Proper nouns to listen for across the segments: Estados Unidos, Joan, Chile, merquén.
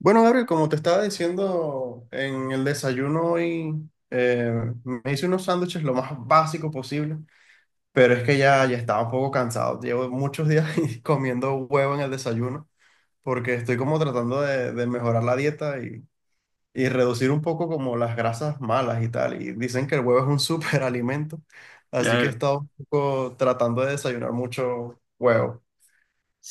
Bueno, Gabriel, como te estaba diciendo en el desayuno hoy, eh, me hice unos sándwiches lo más básico posible, pero es que ya estaba un poco cansado. Llevo muchos días comiendo huevo en el desayuno porque estoy como tratando de mejorar la dieta y reducir un poco como las grasas malas y tal. Y dicen que el huevo es un superalimento, así que he Claro, estado un poco tratando de desayunar mucho huevo.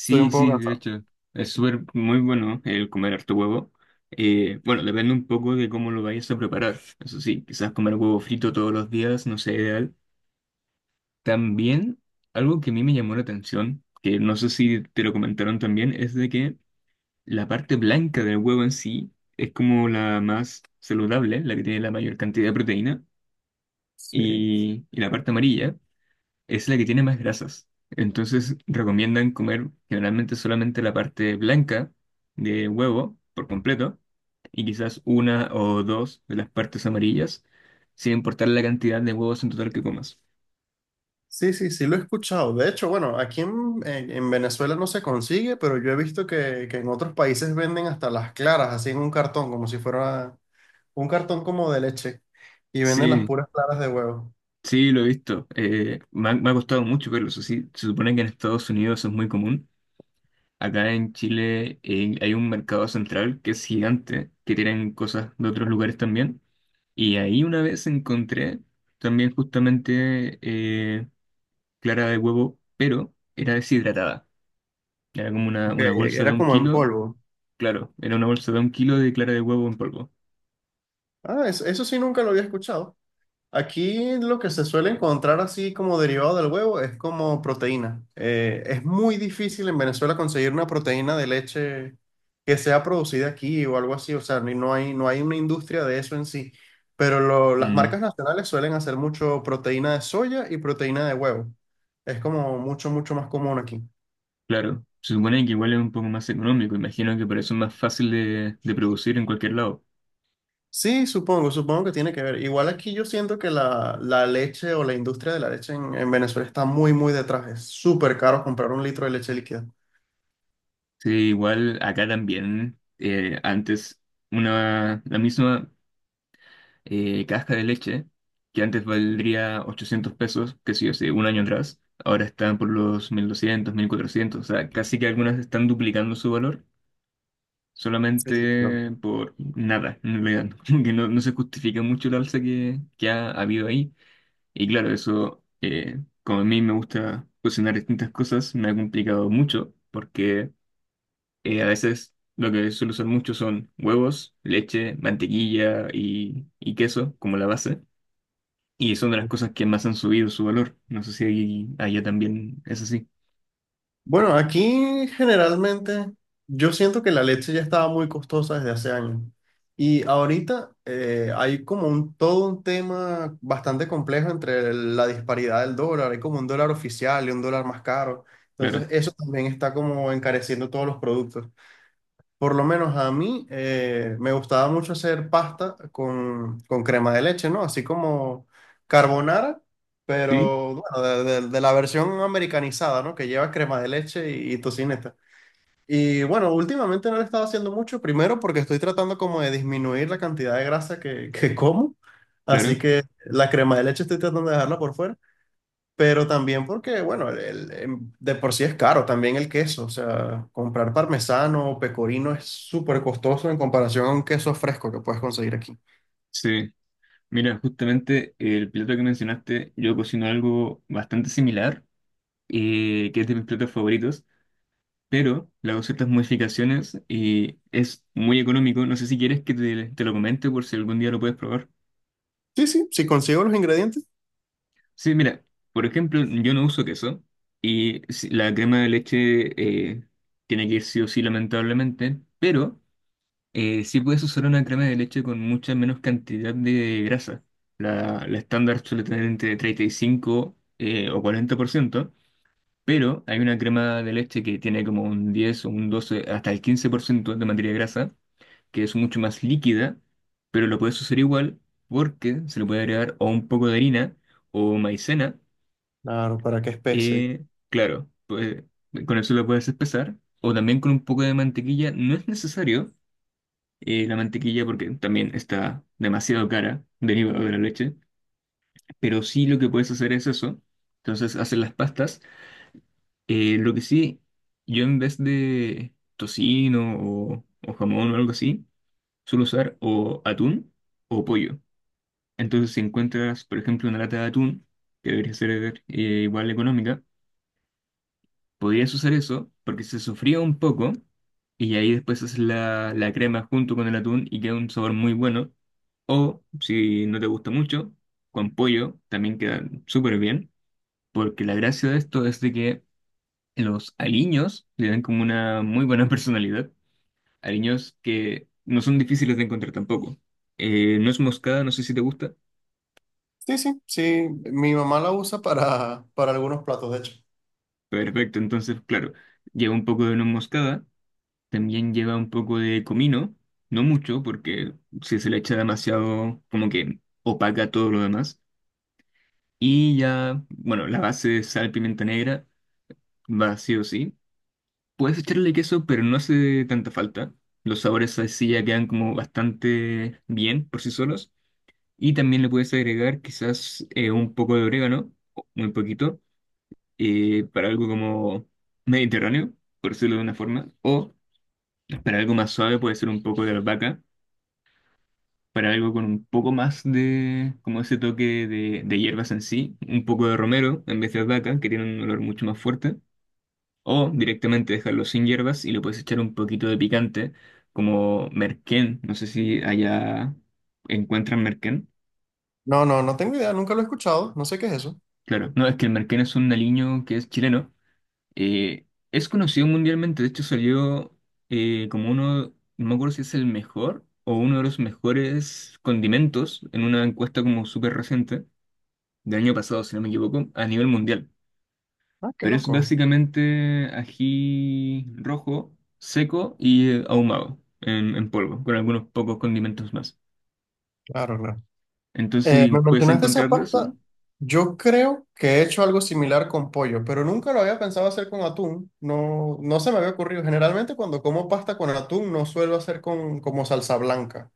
Estoy un poco sí, de cansado. hecho, es súper muy bueno el comer harto huevo. Bueno, depende un poco de cómo lo vayas a preparar. Eso sí, quizás comer huevo frito todos los días no sea ideal. También, algo que a mí me llamó la atención, que no sé si te lo comentaron también, es de que la parte blanca del huevo en sí es como la más saludable, la que tiene la mayor cantidad de proteína, Sí. y la parte amarilla es la que tiene más grasas. Entonces recomiendan comer generalmente solamente la parte blanca de huevo por completo y quizás una o dos de las partes amarillas, sin importar la cantidad de huevos en total que comas. Sí, sí, sí, lo he escuchado. De hecho, bueno, aquí en Venezuela no se consigue, pero yo he visto que en otros países venden hasta las claras, así en un cartón, como si fuera un cartón como de leche, y venden las Sí, puras claras de huevo. sí, lo he visto. Me ha costado mucho verlo, eso sí. Se supone que en Estados Unidos es muy común. Acá en Chile hay un mercado central que es gigante, que tienen cosas de otros lugares también. Y ahí una vez encontré también justamente clara de huevo, pero era deshidratada. Era como Ok, una bolsa de era un como en kilo, polvo. claro, era una bolsa de un kilo de clara de huevo en polvo. Ah, eso sí nunca lo había escuchado. Aquí lo que se suele encontrar así como derivado del huevo es como proteína. Es muy difícil en Venezuela conseguir una proteína de leche que sea producida aquí o algo así. O sea, no hay, no hay una industria de eso en sí. Pero las Mm, marcas nacionales suelen hacer mucho proteína de soya y proteína de huevo. Es como mucho, mucho más común aquí. claro, se supone que igual es un poco más económico, imagino que por eso es más fácil de producir en cualquier lado. Sí, supongo que tiene que ver. Igual aquí yo siento que la leche o la industria de la leche en Venezuela está muy, muy detrás. Es súper caro comprar un litro de leche líquida. Sí, igual acá también, antes una, la misma... casca de leche, que antes valdría 800 pesos, que sí, hace un año atrás, ahora están por los 1.200 1.400, o sea, casi que algunas están duplicando su valor Sí, claro. solamente por nada, en realidad, como que no se justifica mucho el alza que ha habido ahí. Y claro, eso, como a mí me gusta cocinar distintas cosas, me ha complicado mucho, porque a veces... Lo que suelo usar mucho son huevos, leche, mantequilla y queso como la base. Y son de las cosas que más han subido su valor. No sé si allá también es así. Bueno, aquí generalmente yo siento que la leche ya estaba muy costosa desde hace años. Y ahorita hay como un, todo un tema bastante complejo entre la disparidad del dólar. Hay como un dólar oficial y un dólar más caro. Claro. Entonces eso también está como encareciendo todos los productos. Por lo menos a mí me gustaba mucho hacer pasta con crema de leche, ¿no? Así como carbonara, Sí, pero bueno, de la versión americanizada, ¿no? Que lleva crema de leche y tocineta. Y bueno, últimamente no lo he estado haciendo mucho, primero porque estoy tratando como de disminuir la cantidad de grasa que como, así claro. que la crema de leche estoy tratando de dejarla por fuera, pero también porque, bueno, de por sí es caro también el queso. O sea, comprar parmesano o pecorino es súper costoso en comparación a un queso fresco que puedes conseguir aquí. Sí. Mira, justamente el plato que mencionaste, yo cocino algo bastante similar, que es de mis platos favoritos, pero le hago ciertas modificaciones y es muy económico. No sé si quieres que te lo comente por si algún día lo puedes probar. Sí, sí, si consigo los ingredientes. Sí, mira, por ejemplo, yo no uso queso y la crema de leche tiene que ir sí o sí, lamentablemente, pero... sí puedes usar una crema de leche con mucha menos cantidad de grasa. La estándar suele tener entre 35 o 40%, pero hay una crema de leche que tiene como un 10 o un 12 hasta el 15% de materia grasa, que es mucho más líquida, pero lo puedes usar igual porque se le puede agregar o un poco de harina o maicena. Claro, ¿para qué especie? Claro, pues, con eso lo puedes espesar. O también con un poco de mantequilla, no es necesario la mantequilla porque también está demasiado cara derivada de la leche. Pero sí lo que puedes hacer es eso. Entonces hacer las pastas. Lo que sí, yo en vez de tocino o jamón o algo así, suelo usar o atún o pollo. Entonces si encuentras, por ejemplo, una lata de atún, que debería ser igual económica, podrías usar eso porque se sofría un poco y ahí después haces la crema junto con el atún y queda un sabor muy bueno. O si no te gusta mucho, con pollo también queda súper bien, porque la gracia de esto es de que los aliños le dan como una muy buena personalidad. Aliños que no son difíciles de encontrar tampoco. No es moscada, no sé si te gusta. Sí, sí, sí. Mi mamá la usa para algunos platos, de hecho. Perfecto, entonces claro, lleva un poco de nuez moscada. También lleva un poco de comino, no mucho, porque si se le echa demasiado, como que opaca todo lo demás. Y ya, bueno, la base de sal, pimienta negra, va sí o sí. Puedes echarle queso, pero no hace tanta falta. Los sabores así ya quedan como bastante bien por sí solos. Y también le puedes agregar quizás un poco de orégano, o muy poquito, para algo como mediterráneo, por decirlo de una forma. O para algo más suave puede ser un poco de albahaca, para algo con un poco más de, como ese toque de hierbas en sí, un poco de romero en vez de albahaca, que tiene un olor mucho más fuerte, o directamente dejarlo sin hierbas y le puedes echar un poquito de picante, como merquén, no sé si allá encuentran merquén. No, no, no tengo idea, nunca lo he escuchado. No sé qué es eso. Claro, no, es que el merquén es un aliño que es chileno, eh, es conocido mundialmente, de hecho salió como uno, no me acuerdo si es el mejor o uno de los mejores condimentos en una encuesta como súper reciente del año pasado, si no me equivoco, a nivel mundial. Ah, qué Pero es loco. básicamente ají rojo, seco y ahumado en polvo, con algunos pocos condimentos más. Claro, claro. Entonces, Me ¿puedes mencionaste esa encontrar de eso? pasta. Yo creo que he hecho algo similar con pollo, pero nunca lo había pensado hacer con atún. No, no se me había ocurrido. Generalmente cuando como pasta con atún no suelo hacer con como salsa blanca.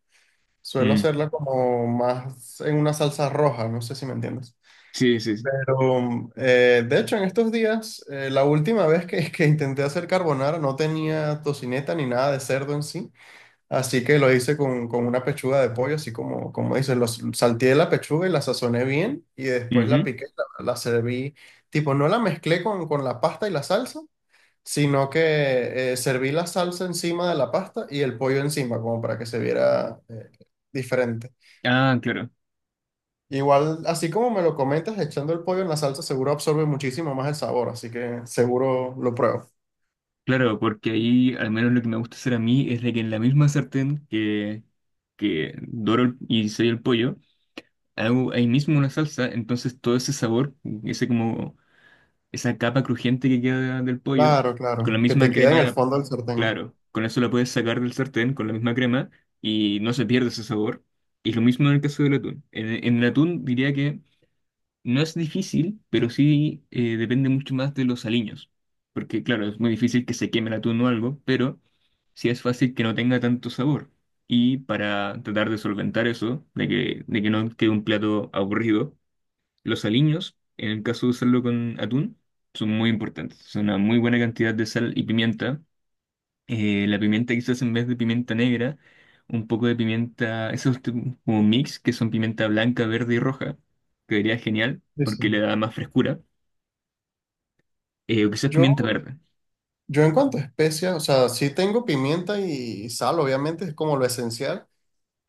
Suelo Mm. hacerla como más en una salsa roja. No sé si me entiendes. Sí, sí, sí. Pero, de hecho, en estos días, la última vez que, que intenté hacer carbonara no tenía tocineta ni nada de cerdo en sí, así que lo hice con una pechuga de pollo, así como, como dices, lo salteé la pechuga y la sazoné bien y después la Ujú. piqué, la serví, tipo, no la mezclé con la pasta y la salsa, sino que serví la salsa encima de la pasta y el pollo encima, como para que se viera diferente. Ah, claro. Igual, así como me lo comentas, echando el pollo en la salsa seguro absorbe muchísimo más el sabor, así que seguro lo pruebo. Claro, porque ahí al menos lo que me gusta hacer a mí es de que en la misma sartén que doro y sello el pollo, hago ahí mismo una salsa, entonces todo ese sabor, ese como esa capa crujiente que queda del pollo, Claro, con la claro, que te misma queda en el crema, fondo del sartén. claro, con eso la puedes sacar del sartén, con la misma crema, y no se pierde ese sabor. Y lo mismo en el caso del atún. En el atún diría que no es difícil, pero sí depende mucho más de los aliños. Porque claro, es muy difícil que se queme el atún o algo, pero sí es fácil que no tenga tanto sabor. Y para tratar de solventar eso, de que no quede un plato aburrido, los aliños, en el caso de usarlo con atún, son muy importantes. Son una muy buena cantidad de sal y pimienta. La pimienta quizás en vez de pimienta negra, un poco de pimienta, esos como mix, que son pimienta blanca, verde y roja, quedaría genial Sí, porque sí. le da más frescura. O quizás Yo, pimienta verde, yo en cuanto a especias, o sea, sí tengo pimienta y sal, obviamente, es como lo esencial,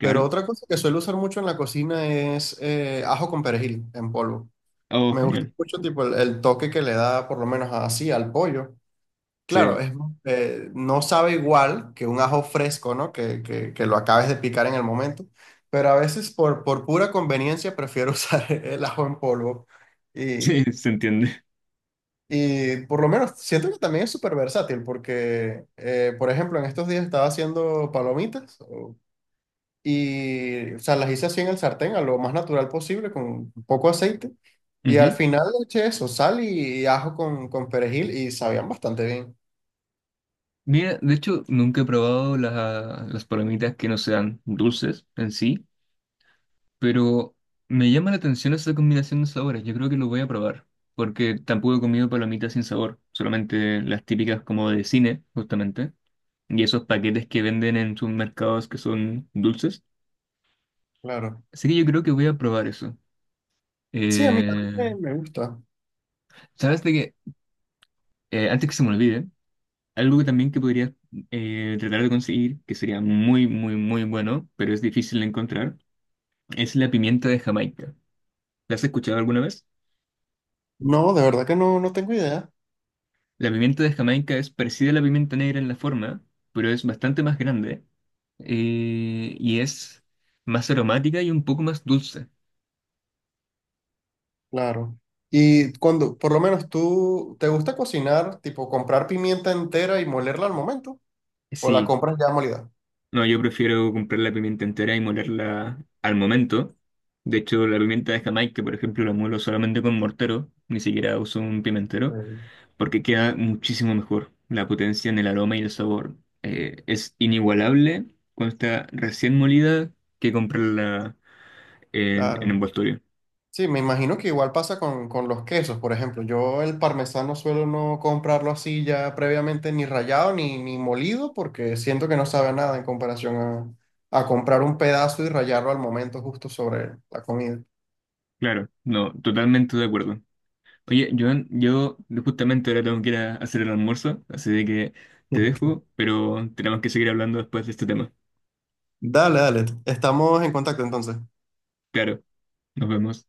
pero otra cosa que suelo usar mucho en la cocina es ajo con perejil en polvo. Oh, Me gusta genial. mucho tipo el toque que le da por lo menos así al pollo. Claro, Sí, es, no sabe igual que un ajo fresco, ¿no? Que, que lo acabes de picar en el momento, pero a veces por pura conveniencia prefiero usar el ajo en polvo. sí, Y, se entiende. y por lo menos siento que también es súper versátil porque, por ejemplo, en estos días estaba haciendo y, o sea, las hice así en el sartén, a lo más natural posible, con poco aceite. Y al Ujú. final le eché eso, sal ajo con perejil y sabían bastante bien, Mira, de hecho, nunca he probado las palomitas que no sean dulces en sí. Pero me llama la atención esa combinación de sabores. Yo creo que lo voy a probar. Porque tampoco he comido palomitas sin sabor. Solamente las típicas como de cine, justamente. Y esos paquetes que venden en sus mercados que son dulces. claro. Así que yo creo que voy a probar eso. Sí, a mí Eh, también me gusta. ¿Sabes de qué? Antes que se me olvide, algo que también que podrías tratar de conseguir, que sería muy, muy, muy bueno, pero es difícil de encontrar, es la pimienta de Jamaica. ¿La has escuchado alguna vez? No, de verdad que no, no tengo idea. La pimienta de Jamaica es parecida a la pimienta negra en la forma, pero es bastante más grande y es más aromática y un poco más dulce. Claro. Y cuando, por lo menos tú, ¿te gusta cocinar, tipo comprar pimienta entera y molerla al momento? ¿O la Sí, compras ya molida? no, yo prefiero comprar la pimienta entera y molerla al momento. De hecho, la pimienta de Jamaica, por ejemplo, la muelo solamente con mortero, ni siquiera uso un pimentero, Sí. porque queda muchísimo mejor. La potencia en el aroma y el sabor es inigualable cuando está recién molida que comprarla en Claro. envoltorio. Sí, me imagino que igual pasa con los quesos, por ejemplo. Yo el parmesano suelo no comprarlo así ya previamente ni rallado ni molido porque siento que no sabe a nada en comparación a comprar un pedazo y rallarlo al momento justo sobre la comida. Claro, no, totalmente de acuerdo. Oye, Joan, yo justamente ahora tengo que ir a hacer el almuerzo, así de que te dejo, pero tenemos que seguir hablando después de este tema. Dale, dale. Estamos en contacto entonces. Claro, nos vemos.